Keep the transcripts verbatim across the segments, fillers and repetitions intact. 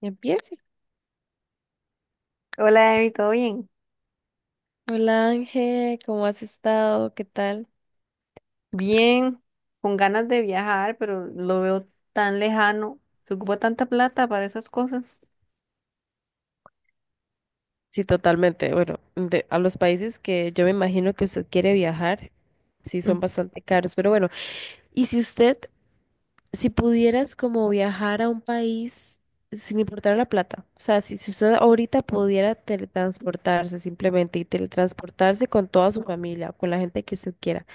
Ya, empiece. Hola, Emi, ¿todo bien? Hola, Ángel, ¿cómo has estado? ¿Qué tal? Bien, con ganas de viajar, pero lo veo tan lejano. Se ocupa tanta plata para esas cosas. Sí, totalmente. Bueno, de- a los países que yo me imagino que usted quiere viajar, sí Mm. son bastante caros, pero bueno, y si usted, si pudieras como viajar a un país sin importar la plata, o sea, si, si usted ahorita pudiera teletransportarse simplemente y teletransportarse con toda su familia o con la gente que usted quiera,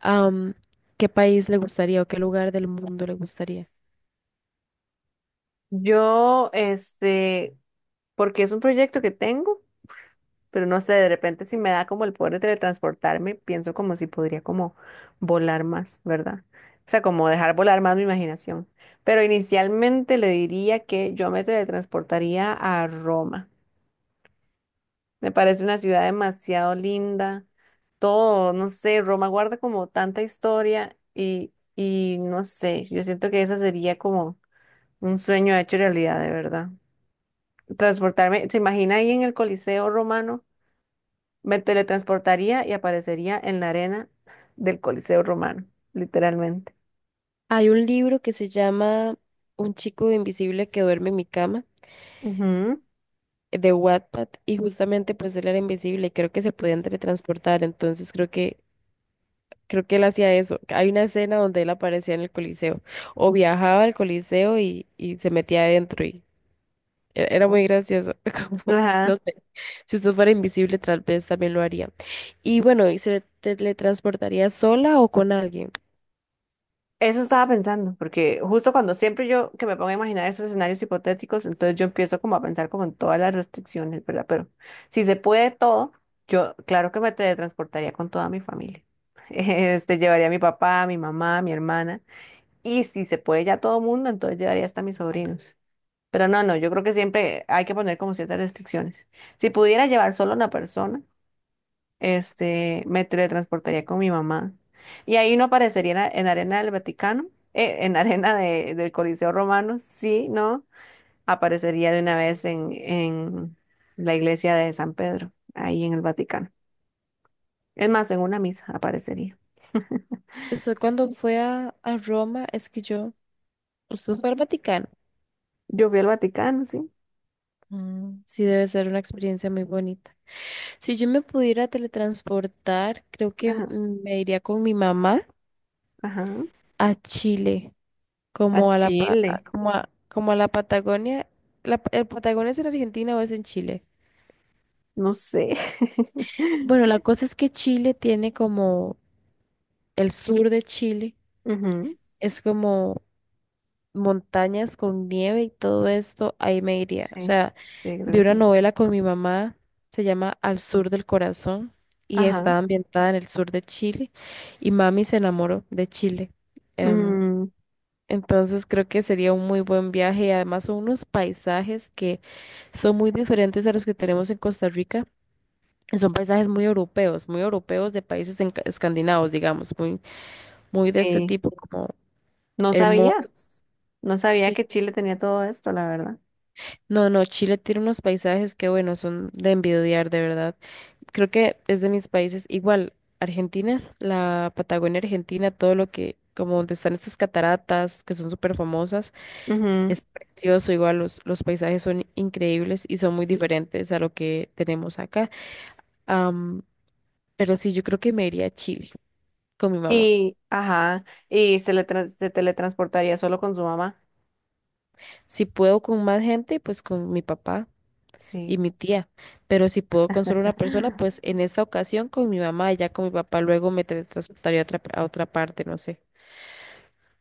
am, ¿Qué país le gustaría o qué lugar del mundo le gustaría? Yo, este, porque es un proyecto que tengo, pero no sé, de repente si me da como el poder de teletransportarme, pienso como si podría como volar más, ¿verdad? O sea, como dejar volar más mi imaginación. Pero inicialmente le diría que yo me teletransportaría a Roma. Me parece una ciudad demasiado linda. Todo, no sé, Roma guarda como tanta historia y, y no sé, yo siento que esa sería como un sueño hecho realidad, de verdad. Transportarme, ¿se imagina ahí en el Coliseo Romano? Me teletransportaría y aparecería en la arena del Coliseo Romano, literalmente. Hay un libro que se llama Un chico invisible que duerme en mi cama, Ujú. eh, de Wattpad, y justamente pues él era invisible y creo que se podían teletransportar, entonces creo que creo que él hacía eso. Hay una escena donde él aparecía en el Coliseo o viajaba al Coliseo y, y se metía adentro y e- era muy gracioso, como no Ajá. sé, si usted fuera invisible tal vez también lo haría. Y bueno, ¿y se teletransportaría sola o con alguien? Eso estaba pensando, porque justo cuando siempre yo que me pongo a imaginar esos escenarios hipotéticos, entonces yo empiezo como a pensar como en todas las restricciones, ¿verdad? Pero si se puede todo, yo claro que me teletransportaría con toda mi familia. Este, llevaría a mi papá, a mi mamá, a mi hermana, y si se puede ya todo mundo, entonces llevaría hasta a mis sobrinos. Pero no, no, yo creo que siempre hay que poner como ciertas restricciones. Si pudiera llevar solo a una persona, este, me teletransportaría con mi mamá. Y ahí no aparecería en, a- en arena del Vaticano, eh, en arena de- del Coliseo Romano, sí, ¿no? Aparecería de una vez en, en la iglesia de San Pedro, ahí en el Vaticano. Es más, en una misa aparecería. Usted cuando fue a, a Roma, es que yo, usted fue al Vaticano. Yo fui al Vaticano, sí. Mm, sí, debe ser una experiencia muy bonita. Si yo me pudiera teletransportar, creo que Ajá, mm, me iría con mi mamá ajá. a Chile, A como a la, pa- a- Chile, como a, como a la Patagonia. La, pa- ¿el Patagonia es en Argentina o es en Chile? no sé. Bueno, la cosa es que Chile tiene como el sur de Chile, Ujú. es como montañas con nieve y todo esto, ahí me iría. O Sí, sea, sí, creo vi que una sí. novela con mi mamá, se llama Al Sur del Corazón y Ajá. está ambientada en el sur de Chile y mami se enamoró de Chile. Em, Mm, entonces creo que sería un muy buen viaje y además son unos paisajes que son muy diferentes a los que tenemos en Costa Rica. Y son paisajes muy europeos, muy europeos de países enca- escandinavos, digamos, muy, muy de este sí. tipo, como No sabía, hermosos. no sabía Sí. que Chile tenía todo esto, la verdad. No, no, Chile tiene unos paisajes que, bueno, son de envidiar, de verdad. Creo que es de mis países, igual, Argentina, la Patagonia Argentina, todo lo que, como donde están estas cataratas, que son súper famosas, Ujú. es precioso, igual los, los paisajes son increíbles y son muy diferentes a lo que tenemos acá. Am, pero sí, yo creo que me iría a Chile con mi mamá. Y, ajá, y se le tran- se teletransportaría solo con su mamá. Si puedo con más gente, pues con mi papá. Y Sí, mi tía, pero si puedo con solo una persona, pues en esta ocasión con mi mamá y ya con mi papá luego me teletransportaría a otra, a otra parte, no sé.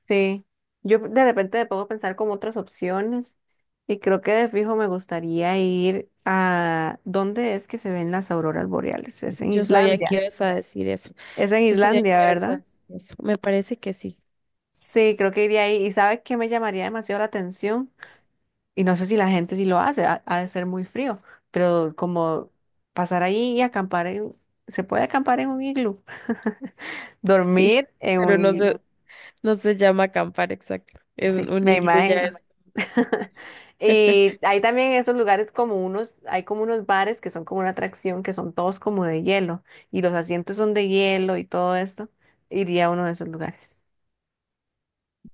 sí. Yo de repente me pongo a pensar como otras opciones y creo que de fijo me gustaría ir a... ¿Dónde es que se ven las auroras boreales? Es en Yo sabía que Islandia. ibas a decir eso. Es en Yo sabía que Islandia, ibas ¿verdad? a decir eso. Me parece que sí. Sí, creo que iría ahí. ¿Y sabes qué me llamaría demasiado la atención? Y no sé si la gente sí lo hace, ha, ha de ser muy frío, pero como pasar ahí y acampar en... ¿Se puede acampar en un iglú? Sí, Dormir en pero no un... se, no se llama acampar, exacto. Es un Sí, un me iglú ya imagino. es. Y hay también en estos lugares como unos, hay como unos bares que son como una atracción, que son todos como de hielo, y los asientos son de hielo y todo esto. Iría a uno de esos lugares.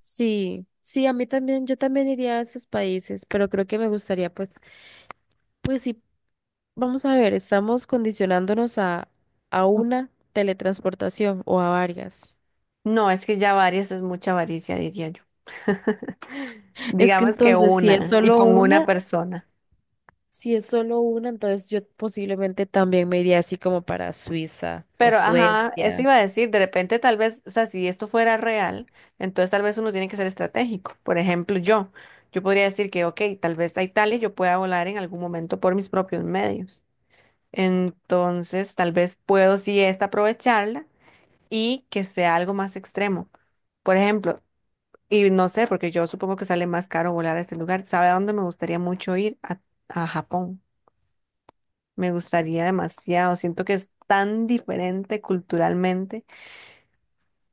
Sí, sí, a mí también, yo también iría a esos países, pero creo que me gustaría, pues, pues sí. Vamos a ver, estamos condicionándonos a, a una teletransportación o a varias. No, es que ya varias es mucha avaricia, diría yo. Es que Digamos que entonces, si es una, y solo con una una, persona. si es solo una, entonces yo posiblemente también me iría así como para Suiza o Pero, ajá, eso Suecia. iba a decir, de repente tal vez, o sea, si esto fuera real, entonces tal vez uno tiene que ser estratégico. Por ejemplo, yo, yo podría decir que, ok, tal vez a Italia yo pueda volar en algún momento por mis propios medios. Entonces, tal vez puedo sí esta aprovecharla y que sea algo más extremo. Por ejemplo, y no sé, porque yo supongo que sale más caro volar a este lugar. ¿Sabe a dónde me gustaría mucho ir? A, a Japón. Me gustaría demasiado. Siento que es tan diferente culturalmente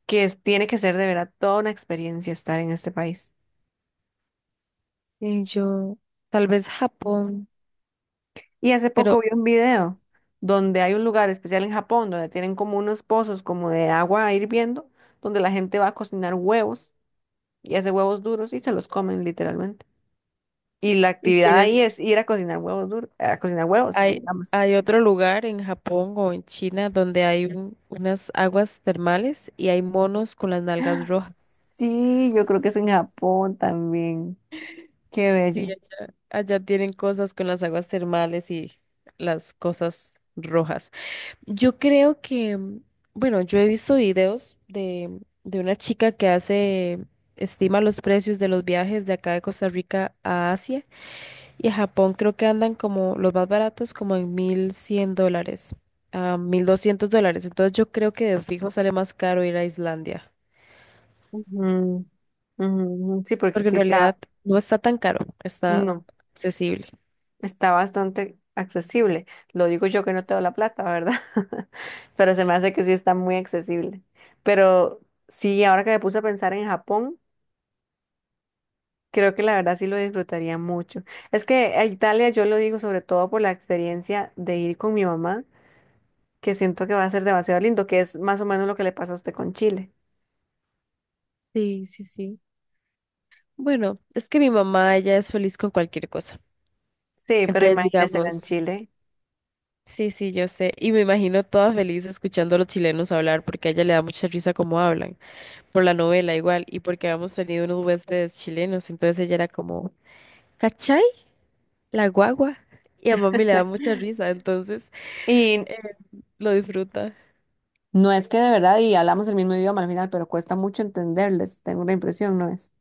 que es- tiene que ser de verdad toda una experiencia estar en este país. Y yo, tal vez Japón, Y hace poco pero vi un video donde hay un lugar especial en Japón donde tienen como unos pozos como de agua hirviendo, donde la gente va a cocinar huevos y hace huevos duros y se los comen literalmente. Y la ¿y actividad ahí quieres? es ir a cocinar huevos duros, a cocinar huevos, Hay, digamos. hay otro lugar en Japón o en China donde hay un- unas aguas termales y hay monos con las nalgas rojas. Sí, yo creo que es en Japón también. Qué Sí, bello. allá, allá tienen cosas con las aguas termales y las cosas rojas. Yo creo que, mm, bueno, yo he visto videos de, de una chica que hace, estima los precios de los viajes de acá de Costa Rica a Asia y a Japón creo que andan como los más baratos como en mil cien dólares a mil doscientos dólares. Entonces yo creo que de fijo sale más caro ir a Islandia, Ujú, ujú. Sí, porque porque en sí está. realidad no está tan caro, está No, accesible. está bastante accesible. Lo digo yo que no tengo la plata, ¿verdad? Pero se me hace que sí está muy accesible. Pero sí, ahora que me puse a pensar en Japón, creo que la verdad sí lo disfrutaría mucho. Es que a Italia yo lo digo sobre todo por la experiencia de ir con mi mamá, que siento que va a ser demasiado lindo, que es más o menos lo que le pasa a usted con Chile. Sí, sí, sí. Bueno, es que mi mamá ya es feliz con cualquier cosa. Sí, pero Entonces, imagínese en digamos, Chile. sí, sí, yo sé. Y me imagino toda feliz escuchando a los chilenos hablar porque a ella le da mucha risa cómo hablan, por la novela igual, y porque habíamos tenido unos huéspedes chilenos. Entonces ella era como, ¿cachai? La guagua. Y a mami le da mucha risa, entonces Y eh, lo disfruta. no, es que de verdad, y hablamos el mismo idioma al final, pero cuesta mucho entenderles, tengo la impresión, ¿no es?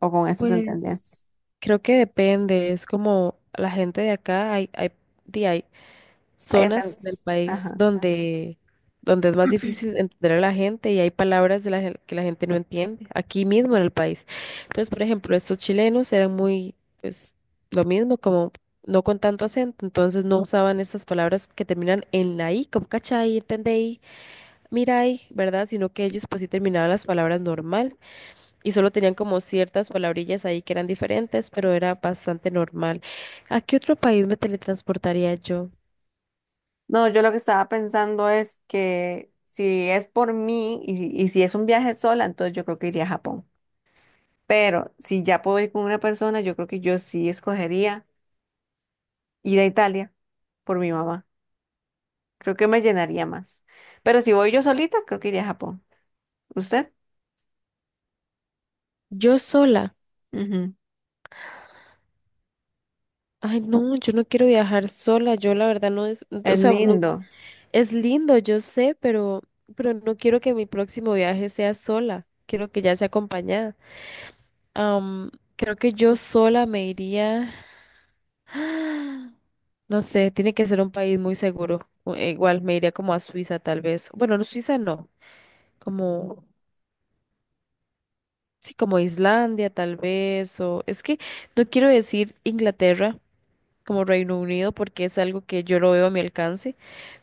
O con esto se entendía. Pues creo que depende, es como la gente de acá, hay, hay, di- hay Hay zonas del acentos. país Ajá. donde, donde es más difícil entender a la gente y hay palabras de la, gen- que la gente no entiende, aquí mismo en el país. Entonces, por ejemplo, estos chilenos eran muy, pues, lo mismo, como no con tanto acento, entonces no usaban esas palabras que terminan en la i, como cachai, entendei, mirai, ¿verdad? Sino que ellos pues sí terminaban las palabras normal y solo tenían como ciertas palabrillas ahí que eran diferentes, pero era bastante normal. ¿A qué otro país me teletransportaría yo? No, yo lo que estaba pensando es que si es por mí y, y si es un viaje sola, entonces yo creo que iría a Japón. Pero si ya puedo ir con una persona, yo creo que yo sí escogería ir a Italia por mi mamá. Creo que me llenaría más. Pero si voy yo solita, creo que iría a Japón. ¿Usted? Yo sola. Ujú. Ay, no, yo no quiero viajar sola, yo la verdad no, dis- o Es sea, no, no, lindo. es lindo, yo sé, pero, pero no quiero que mi próximo viaje sea sola, quiero que ya sea acompañada. Am, Creo que yo sola me iría, no sé, tiene que ser un país muy seguro, o- e igual me iría como a Suiza tal vez, bueno, no, Suiza no, como, sí, como Islandia tal vez, o es que no quiero decir Inglaterra como Reino Unido porque es algo que yo lo veo a mi alcance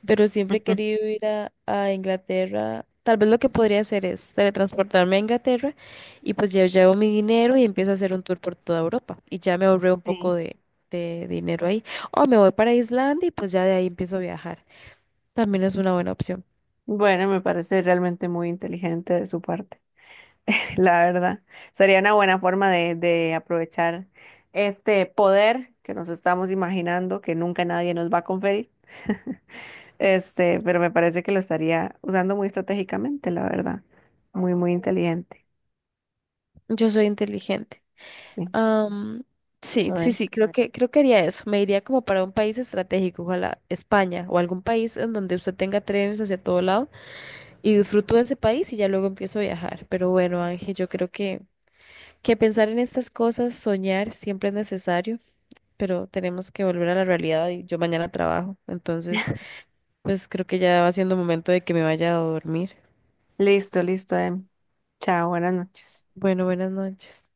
pero siempre he querido ir a, a Inglaterra. Tal vez lo que podría hacer es teletransportarme a Inglaterra y pues ya llevo mi dinero y empiezo a hacer un tour por toda Europa y ya me ahorré un Sí. poco de, de dinero ahí. O me voy para Islandia y pues ya de ahí empiezo a viajar. También es una buena opción. Bueno, me parece realmente muy inteligente de su parte. La verdad, sería una buena forma de, de aprovechar este poder que nos estamos imaginando que nunca nadie nos va a conferir. Este, pero me parece que lo estaría usando muy estratégicamente, la verdad. Muy, muy inteligente. Yo soy inteligente. Sí, Am, sí, lo sí, sí, eres. creo que, creo que haría eso. Me iría como para un país estratégico, ojalá España o algún país en donde usted tenga trenes hacia todo lado y disfruto de ese país y ya luego empiezo a viajar. Pero bueno, Ángel, yo creo que, que pensar en estas cosas, soñar siempre es necesario, pero tenemos que volver a la realidad y yo mañana trabajo. Entonces, pues creo que ya va siendo momento de que me vaya a dormir. Listo, listo, Em. Chao, buenas noches. Bueno, buenas noches.